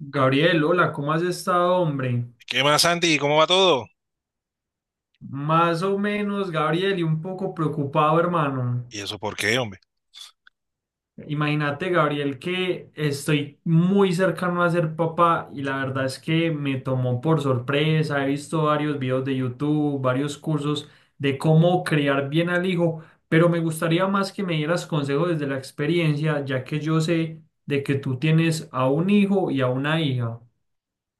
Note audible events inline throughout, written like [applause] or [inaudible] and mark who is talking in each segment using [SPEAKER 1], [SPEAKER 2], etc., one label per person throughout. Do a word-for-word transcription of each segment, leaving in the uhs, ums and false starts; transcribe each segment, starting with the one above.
[SPEAKER 1] Gabriel, hola, ¿cómo has estado, hombre?
[SPEAKER 2] ¿Qué más, Santi? ¿Cómo va todo?
[SPEAKER 1] Más o menos, Gabriel, y un poco preocupado, hermano.
[SPEAKER 2] ¿Y eso por qué, hombre?
[SPEAKER 1] Imagínate, Gabriel, que estoy muy cercano a ser papá y la verdad es que me tomó por sorpresa. He visto varios videos de YouTube, varios cursos de cómo criar bien al hijo, pero me gustaría más que me dieras consejos desde la experiencia, ya que yo sé de que tú tienes a un hijo y a una hija.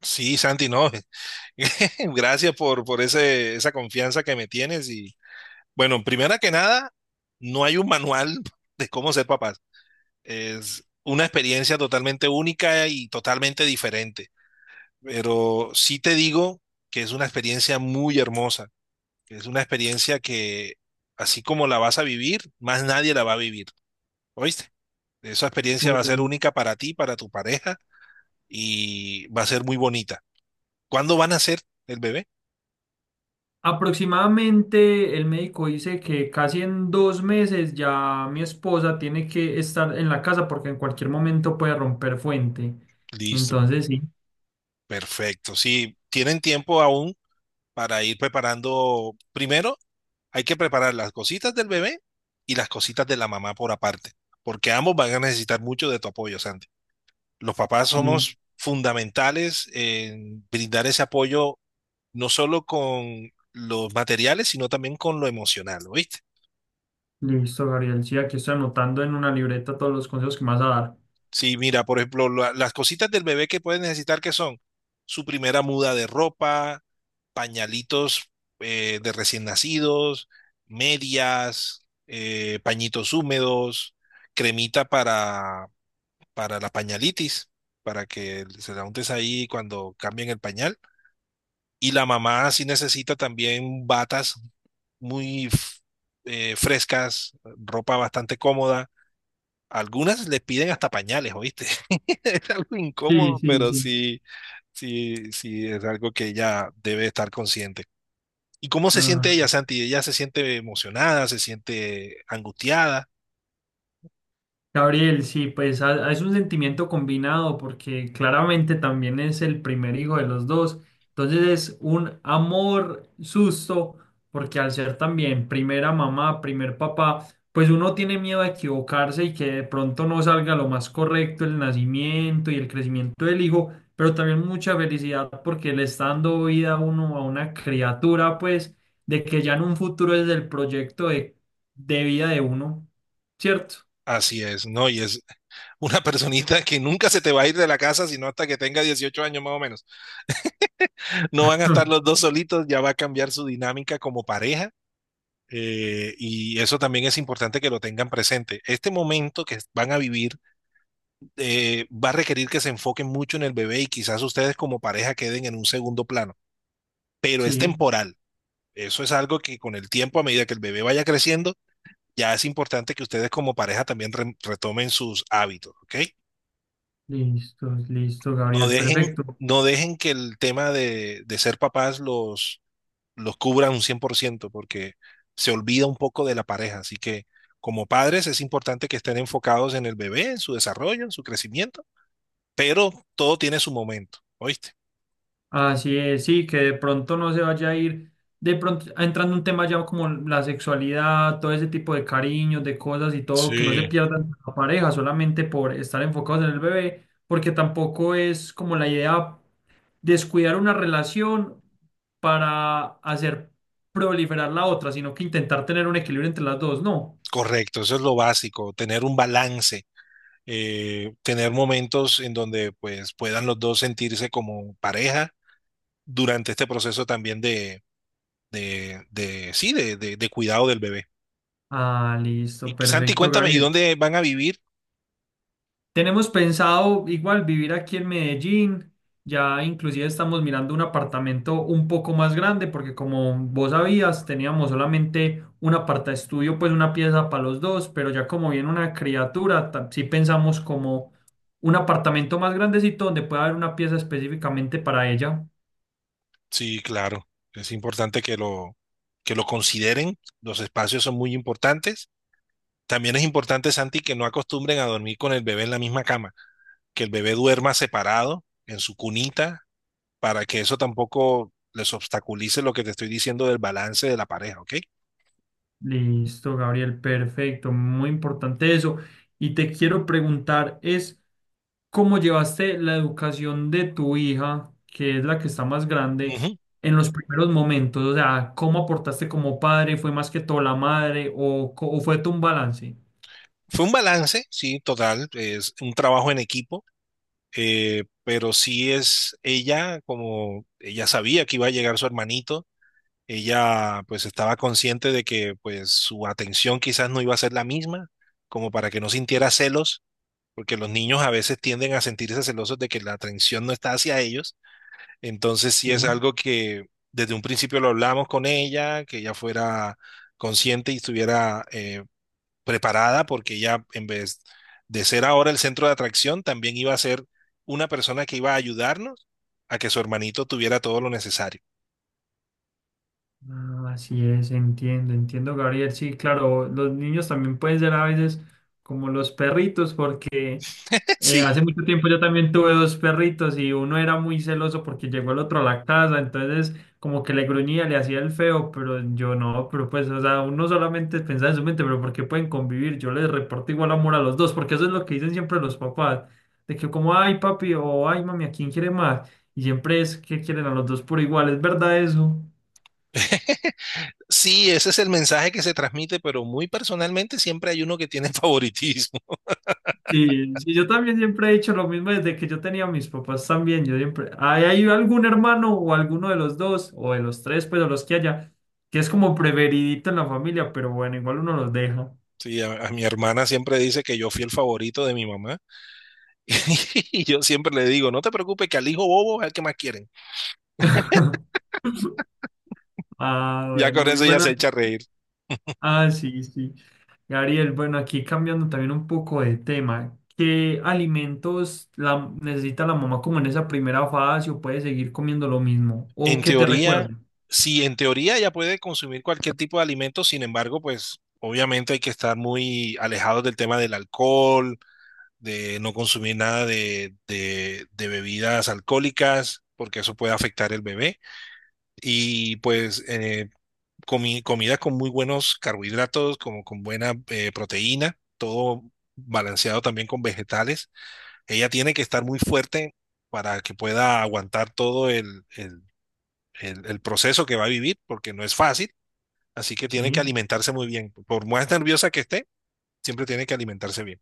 [SPEAKER 2] Sí, Santi, no. [laughs] Gracias por, por ese, esa confianza que me tienes. Y bueno, primera que nada, no hay un manual [laughs] de cómo ser papás. Es una experiencia totalmente única y totalmente diferente. Pero sí te digo que es una experiencia muy hermosa. Que Es una experiencia que, así como la vas a vivir, más nadie la va a vivir. ¿Oíste? Esa experiencia va a ser única para ti, para tu pareja, y va a ser muy bonita. ¿Cuándo van a ser el bebé?
[SPEAKER 1] Aproximadamente el médico dice que casi en dos meses ya mi esposa tiene que estar en la casa porque en cualquier momento puede romper fuente.
[SPEAKER 2] Listo,
[SPEAKER 1] Entonces, sí,
[SPEAKER 2] perfecto. Sí, tienen tiempo aún para ir preparando. Primero, hay que preparar las cositas del bebé y las cositas de la mamá por aparte, porque ambos van a necesitar mucho de tu apoyo, Santi. Los papás
[SPEAKER 1] sí,
[SPEAKER 2] somos fundamentales en brindar ese apoyo, no solo con los materiales, sino también con lo emocional, ¿oíste?
[SPEAKER 1] listo, Gabriel. Sí, aquí estoy anotando en una libreta todos los consejos que me vas a dar.
[SPEAKER 2] Sí, mira, por ejemplo, la- las cositas del bebé que puede necesitar, que son? Su primera muda de ropa, pañalitos eh, de recién nacidos, medias, eh, pañitos húmedos, cremita para, para la pañalitis, para que se la untes ahí cuando cambien el pañal. Y la mamá sí necesita también batas muy f- eh, frescas, ropa bastante cómoda. Algunas le piden hasta pañales, ¿oíste? [laughs] Es algo
[SPEAKER 1] Sí,
[SPEAKER 2] incómodo,
[SPEAKER 1] sí,
[SPEAKER 2] pero
[SPEAKER 1] sí.
[SPEAKER 2] sí, sí, sí, es algo que ella debe estar consciente. ¿Y cómo se
[SPEAKER 1] Ah.
[SPEAKER 2] siente ella, Santi? Ella se siente emocionada, se siente angustiada.
[SPEAKER 1] Gabriel, sí, pues a- a- es un sentimiento combinado porque claramente también es el primer hijo de los dos. Entonces es un amor susto porque al ser también primera mamá, primer papá, pues uno tiene miedo a equivocarse y que de pronto no salga lo más correcto el nacimiento y el crecimiento del hijo, pero también mucha felicidad porque le está dando vida a uno a una criatura, pues de que ya en un futuro es el proyecto de, de vida de uno, ¿cierto?
[SPEAKER 2] Así es, ¿no? Y es una [laughs] personita que nunca se te va a ir de la casa, sino hasta que tenga dieciocho años más o menos. No van a estar los
[SPEAKER 1] [laughs]
[SPEAKER 2] dos solitos, ya va a cambiar su dinámica como pareja. Eh, y eso también es importante que lo tengan presente. Este momento que van a vivir eh, va a requerir que se enfoquen mucho en el bebé y quizás ustedes como pareja queden en un segundo plano, pero es
[SPEAKER 1] Sí,
[SPEAKER 2] temporal. Eso es algo que con el tiempo, a medida que el bebé vaya creciendo, ya es importante que ustedes como pareja también re retomen sus hábitos, ¿ok?
[SPEAKER 1] listo, listo,
[SPEAKER 2] No
[SPEAKER 1] Gabriel,
[SPEAKER 2] dejen,
[SPEAKER 1] perfecto.
[SPEAKER 2] no dejen que el tema de, de ser papás los, los cubra un cien por ciento, porque se olvida un poco de la pareja. Así que como padres es importante que estén enfocados en el bebé, en su desarrollo, en su crecimiento, pero todo tiene su momento, ¿oíste?
[SPEAKER 1] Así es, sí, que de pronto no se vaya a ir, de pronto ah, entrando un tema ya como la sexualidad, todo ese tipo de cariños, de cosas y todo, que no se
[SPEAKER 2] Sí,
[SPEAKER 1] pierdan la pareja solamente por estar enfocados en el bebé, porque tampoco es como la idea descuidar una relación para hacer proliferar la otra, sino que intentar tener un equilibrio entre las dos, ¿no?
[SPEAKER 2] correcto, eso es lo básico, tener un balance, eh, tener momentos en donde pues puedan los dos sentirse como pareja durante este proceso también de, de, de sí, de, de, de cuidado del bebé.
[SPEAKER 1] Ah, listo,
[SPEAKER 2] Y Santi,
[SPEAKER 1] perfecto,
[SPEAKER 2] cuéntame, ¿y
[SPEAKER 1] Gabriel.
[SPEAKER 2] dónde van a vivir?
[SPEAKER 1] Tenemos pensado igual vivir aquí en Medellín. Ya inclusive estamos mirando un apartamento un poco más grande porque como vos sabías, teníamos solamente un aparta estudio, pues una pieza para los dos, pero ya como viene una criatura, ta- sí pensamos como un apartamento más grandecito donde pueda haber una pieza específicamente para ella.
[SPEAKER 2] Sí, claro, es importante que lo, que lo consideren, los espacios son muy importantes. También es importante, Santi, que no acostumbren a dormir con el bebé en la misma cama, que el bebé duerma separado en su cunita, para que eso tampoco les obstaculice lo que te estoy diciendo del balance de la pareja, ¿ok?
[SPEAKER 1] Listo, Gabriel, perfecto, muy importante eso. Y te quiero preguntar es, ¿cómo llevaste la educación de tu hija, que es la que está más grande,
[SPEAKER 2] Ujú.
[SPEAKER 1] en los primeros momentos? O sea, ¿cómo aportaste como padre? ¿Fue más que todo la madre o, co- o fue tu un balance?
[SPEAKER 2] Fue un balance, sí, total, es un trabajo en equipo, eh, pero sí es ella, como ella sabía que iba a llegar su hermanito, ella pues estaba consciente de que pues su atención quizás no iba a ser la misma, como para que no sintiera celos, porque los niños a veces tienden a sentirse celosos de que la atención no está hacia ellos. Entonces sí es
[SPEAKER 1] Sí.
[SPEAKER 2] algo que desde un principio lo hablamos con ella, que ella fuera consciente y estuviera eh, preparada, porque ella en vez de ser ahora el centro de atracción, también iba a ser una persona que iba a ayudarnos a que su hermanito tuviera todo lo necesario.
[SPEAKER 1] Ah, así es, entiendo, entiendo, Gabriel. Sí, claro, los niños también pueden ser a veces como los perritos, porque
[SPEAKER 2] [laughs]
[SPEAKER 1] eh,
[SPEAKER 2] Sí.
[SPEAKER 1] hace mucho tiempo yo también tuve dos perritos y uno era muy celoso porque llegó el otro a la casa, entonces como que le gruñía, le hacía el feo, pero yo no, pero pues, o sea, uno solamente pensaba en su mente, pero ¿por qué pueden convivir? Yo les reporto igual amor a los dos, porque eso es lo que dicen siempre los papás, de que como, ay, papi, o ay, mami, ¿a quién quiere más? Y siempre es que quieren a los dos por igual, ¿es verdad eso?
[SPEAKER 2] [laughs] Sí, ese es el mensaje que se transmite, pero muy personalmente siempre hay uno que tiene favoritismo. [laughs]
[SPEAKER 1] Sí, sí, yo también siempre he dicho lo mismo desde que yo tenía a mis papás también. Yo siempre, hay, hay algún hermano o alguno de los dos, o de los tres, pues, o los que haya, que es como preferidito en la familia, pero bueno, igual uno los deja.
[SPEAKER 2] Sí, a, a mi hermana siempre dice que yo fui el favorito de mi mamá, [laughs] y yo siempre le digo, no te preocupes, que al hijo bobo es el que más quieren.
[SPEAKER 1] [laughs] Ah,
[SPEAKER 2] Ya
[SPEAKER 1] bueno,
[SPEAKER 2] con
[SPEAKER 1] muy
[SPEAKER 2] eso ya
[SPEAKER 1] buena.
[SPEAKER 2] se echa a reír.
[SPEAKER 1] Ah, sí, sí. Gabriel, bueno, aquí cambiando también un poco de tema. ¿Qué alimentos la, necesita la mamá como en esa primera fase o puede seguir comiendo lo mismo? ¿O
[SPEAKER 2] En
[SPEAKER 1] qué te recuerda?
[SPEAKER 2] teoría, sí, en teoría ya puede consumir cualquier tipo de alimento, sin embargo, pues obviamente hay que estar muy alejados del tema del alcohol, de no consumir nada de, de, de bebidas alcohólicas, porque eso puede afectar el bebé. Y pues eh, comi- comida con muy buenos carbohidratos, como con buena eh, proteína, todo balanceado también con vegetales. Ella tiene que estar muy fuerte para que pueda aguantar todo el, el el, el proceso que va a vivir, porque no es fácil, así que tiene que
[SPEAKER 1] Sí.
[SPEAKER 2] alimentarse muy bien. Por más nerviosa que esté, siempre tiene que alimentarse bien.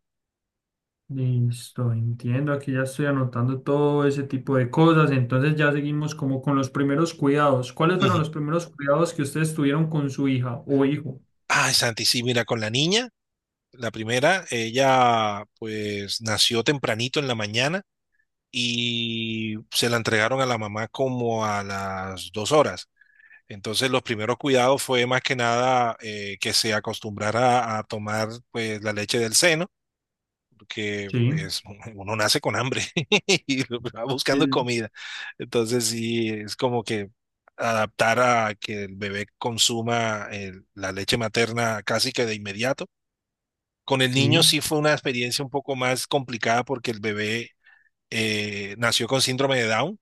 [SPEAKER 1] Listo, entiendo. Aquí ya estoy anotando todo ese tipo de cosas. Entonces ya seguimos como con los primeros cuidados. ¿Cuáles fueron
[SPEAKER 2] Ujú.
[SPEAKER 1] los primeros cuidados que ustedes tuvieron con su hija o hijo?
[SPEAKER 2] Ay, Santi, sí, mira, con la niña, la primera, ella pues nació tempranito en la mañana y se la entregaron a la mamá como a las dos horas. Entonces los primeros cuidados fue más que nada eh, que se acostumbrara a tomar pues la leche del seno, que
[SPEAKER 1] Sí,
[SPEAKER 2] pues uno nace con hambre [laughs] y va buscando
[SPEAKER 1] el-
[SPEAKER 2] comida. Entonces sí, es como que adaptar a que el bebé consuma el- la leche materna casi que de inmediato. Con el niño
[SPEAKER 1] sí,
[SPEAKER 2] sí fue una experiencia un poco más complicada porque el bebé eh, nació con síndrome de Down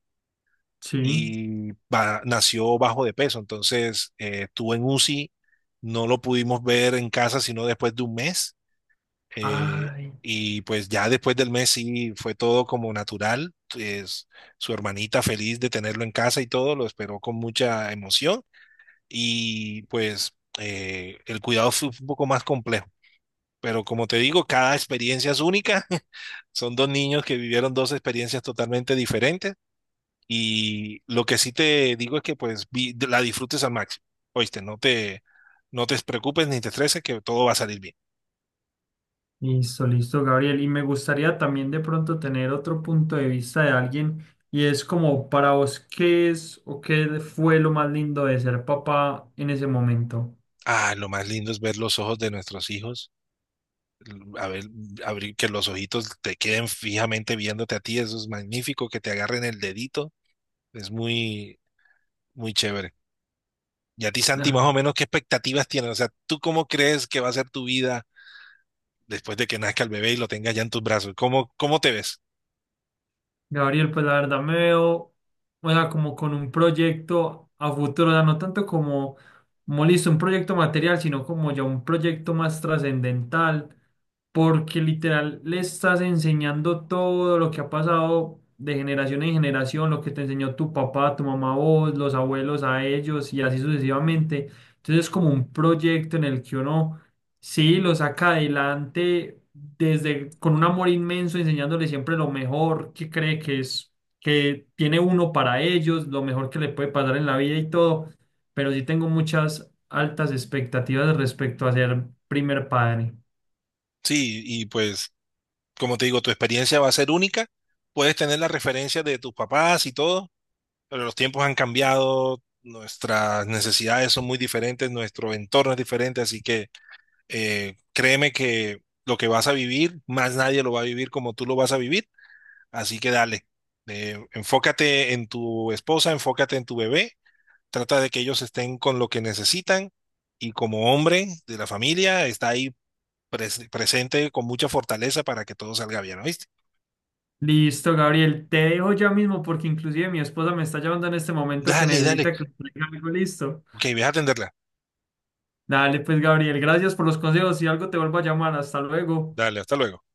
[SPEAKER 1] sí.
[SPEAKER 2] y ba- nació bajo de peso. Entonces eh, estuvo en UCI, no lo pudimos ver en casa sino después de un mes eh,
[SPEAKER 1] Ay,
[SPEAKER 2] y pues ya después del mes sí fue todo como natural. Es, su hermanita feliz de tenerlo en casa y todo, lo esperó con mucha emoción. Y pues eh, el cuidado fue un poco más complejo. Pero como te digo, cada experiencia es única. [laughs] Son dos niños que vivieron dos experiencias totalmente diferentes. Y lo que sí te digo es que pues vi- la disfrutes al máximo. Oíste, no te, no te preocupes ni te estreses, que todo va a salir bien.
[SPEAKER 1] listo, listo, Gabriel. Y me gustaría también de pronto tener otro punto de vista de alguien. Y es como para vos, ¿qué es o qué fue lo más lindo de ser papá en ese momento?
[SPEAKER 2] Ah, lo más lindo es ver los ojos de nuestros hijos, l- a ver, mm, abrir que los ojitos te queden fijamente viéndote a ti, eso es magnífico, que te agarren el dedito, es muy, muy chévere. Y a ti, Santi, más o menos, ¿qué expectativas tienes? O sea, ¿tú cómo crees que va a ser tu vida después de que nazca el bebé y lo tengas ya en tus brazos? ¿Cómo, cómo te ves?
[SPEAKER 1] Gabriel, pues la verdad me veo, o sea, como con un proyecto a futuro, o sea, no tanto como, como listo, un proyecto material, sino como ya un proyecto más trascendental, porque literal le estás enseñando todo lo que ha pasado de generación en generación, lo que te enseñó tu papá, tu mamá, vos, los abuelos a ellos y así sucesivamente. Entonces es como un proyecto en el que uno sí, lo saca adelante desde con un amor inmenso, enseñándole siempre lo mejor que cree que es, que tiene uno para ellos, lo mejor que le puede pasar en la vida y todo. Pero sí tengo muchas altas expectativas respecto a ser primer padre.
[SPEAKER 2] Sí, y pues, como te digo, tu experiencia va a ser única, puedes tener la referencia de tus papás y todo. Pero los tiempos han cambiado, nuestras necesidades son muy diferentes, nuestro entorno es diferente, así que eh, créeme que lo que vas a vivir, más nadie lo va a vivir como tú lo vas a vivir, así que dale. Eh, enfócate en tu esposa, enfócate en tu bebé, trata de que ellos estén con lo que necesitan, y como hombre de la familia está ahí pres- presente con mucha fortaleza para que todo salga bien, ¿oíste?
[SPEAKER 1] Listo, Gabriel, te dejo ya mismo porque inclusive mi esposa me está llamando en este momento que
[SPEAKER 2] Dale, dale.
[SPEAKER 1] necesita que le traiga algo listo.
[SPEAKER 2] Ok, voy a atenderla.
[SPEAKER 1] Dale, pues, Gabriel, gracias por los consejos. Si algo te vuelvo a llamar, hasta luego.
[SPEAKER 2] Dale, hasta luego.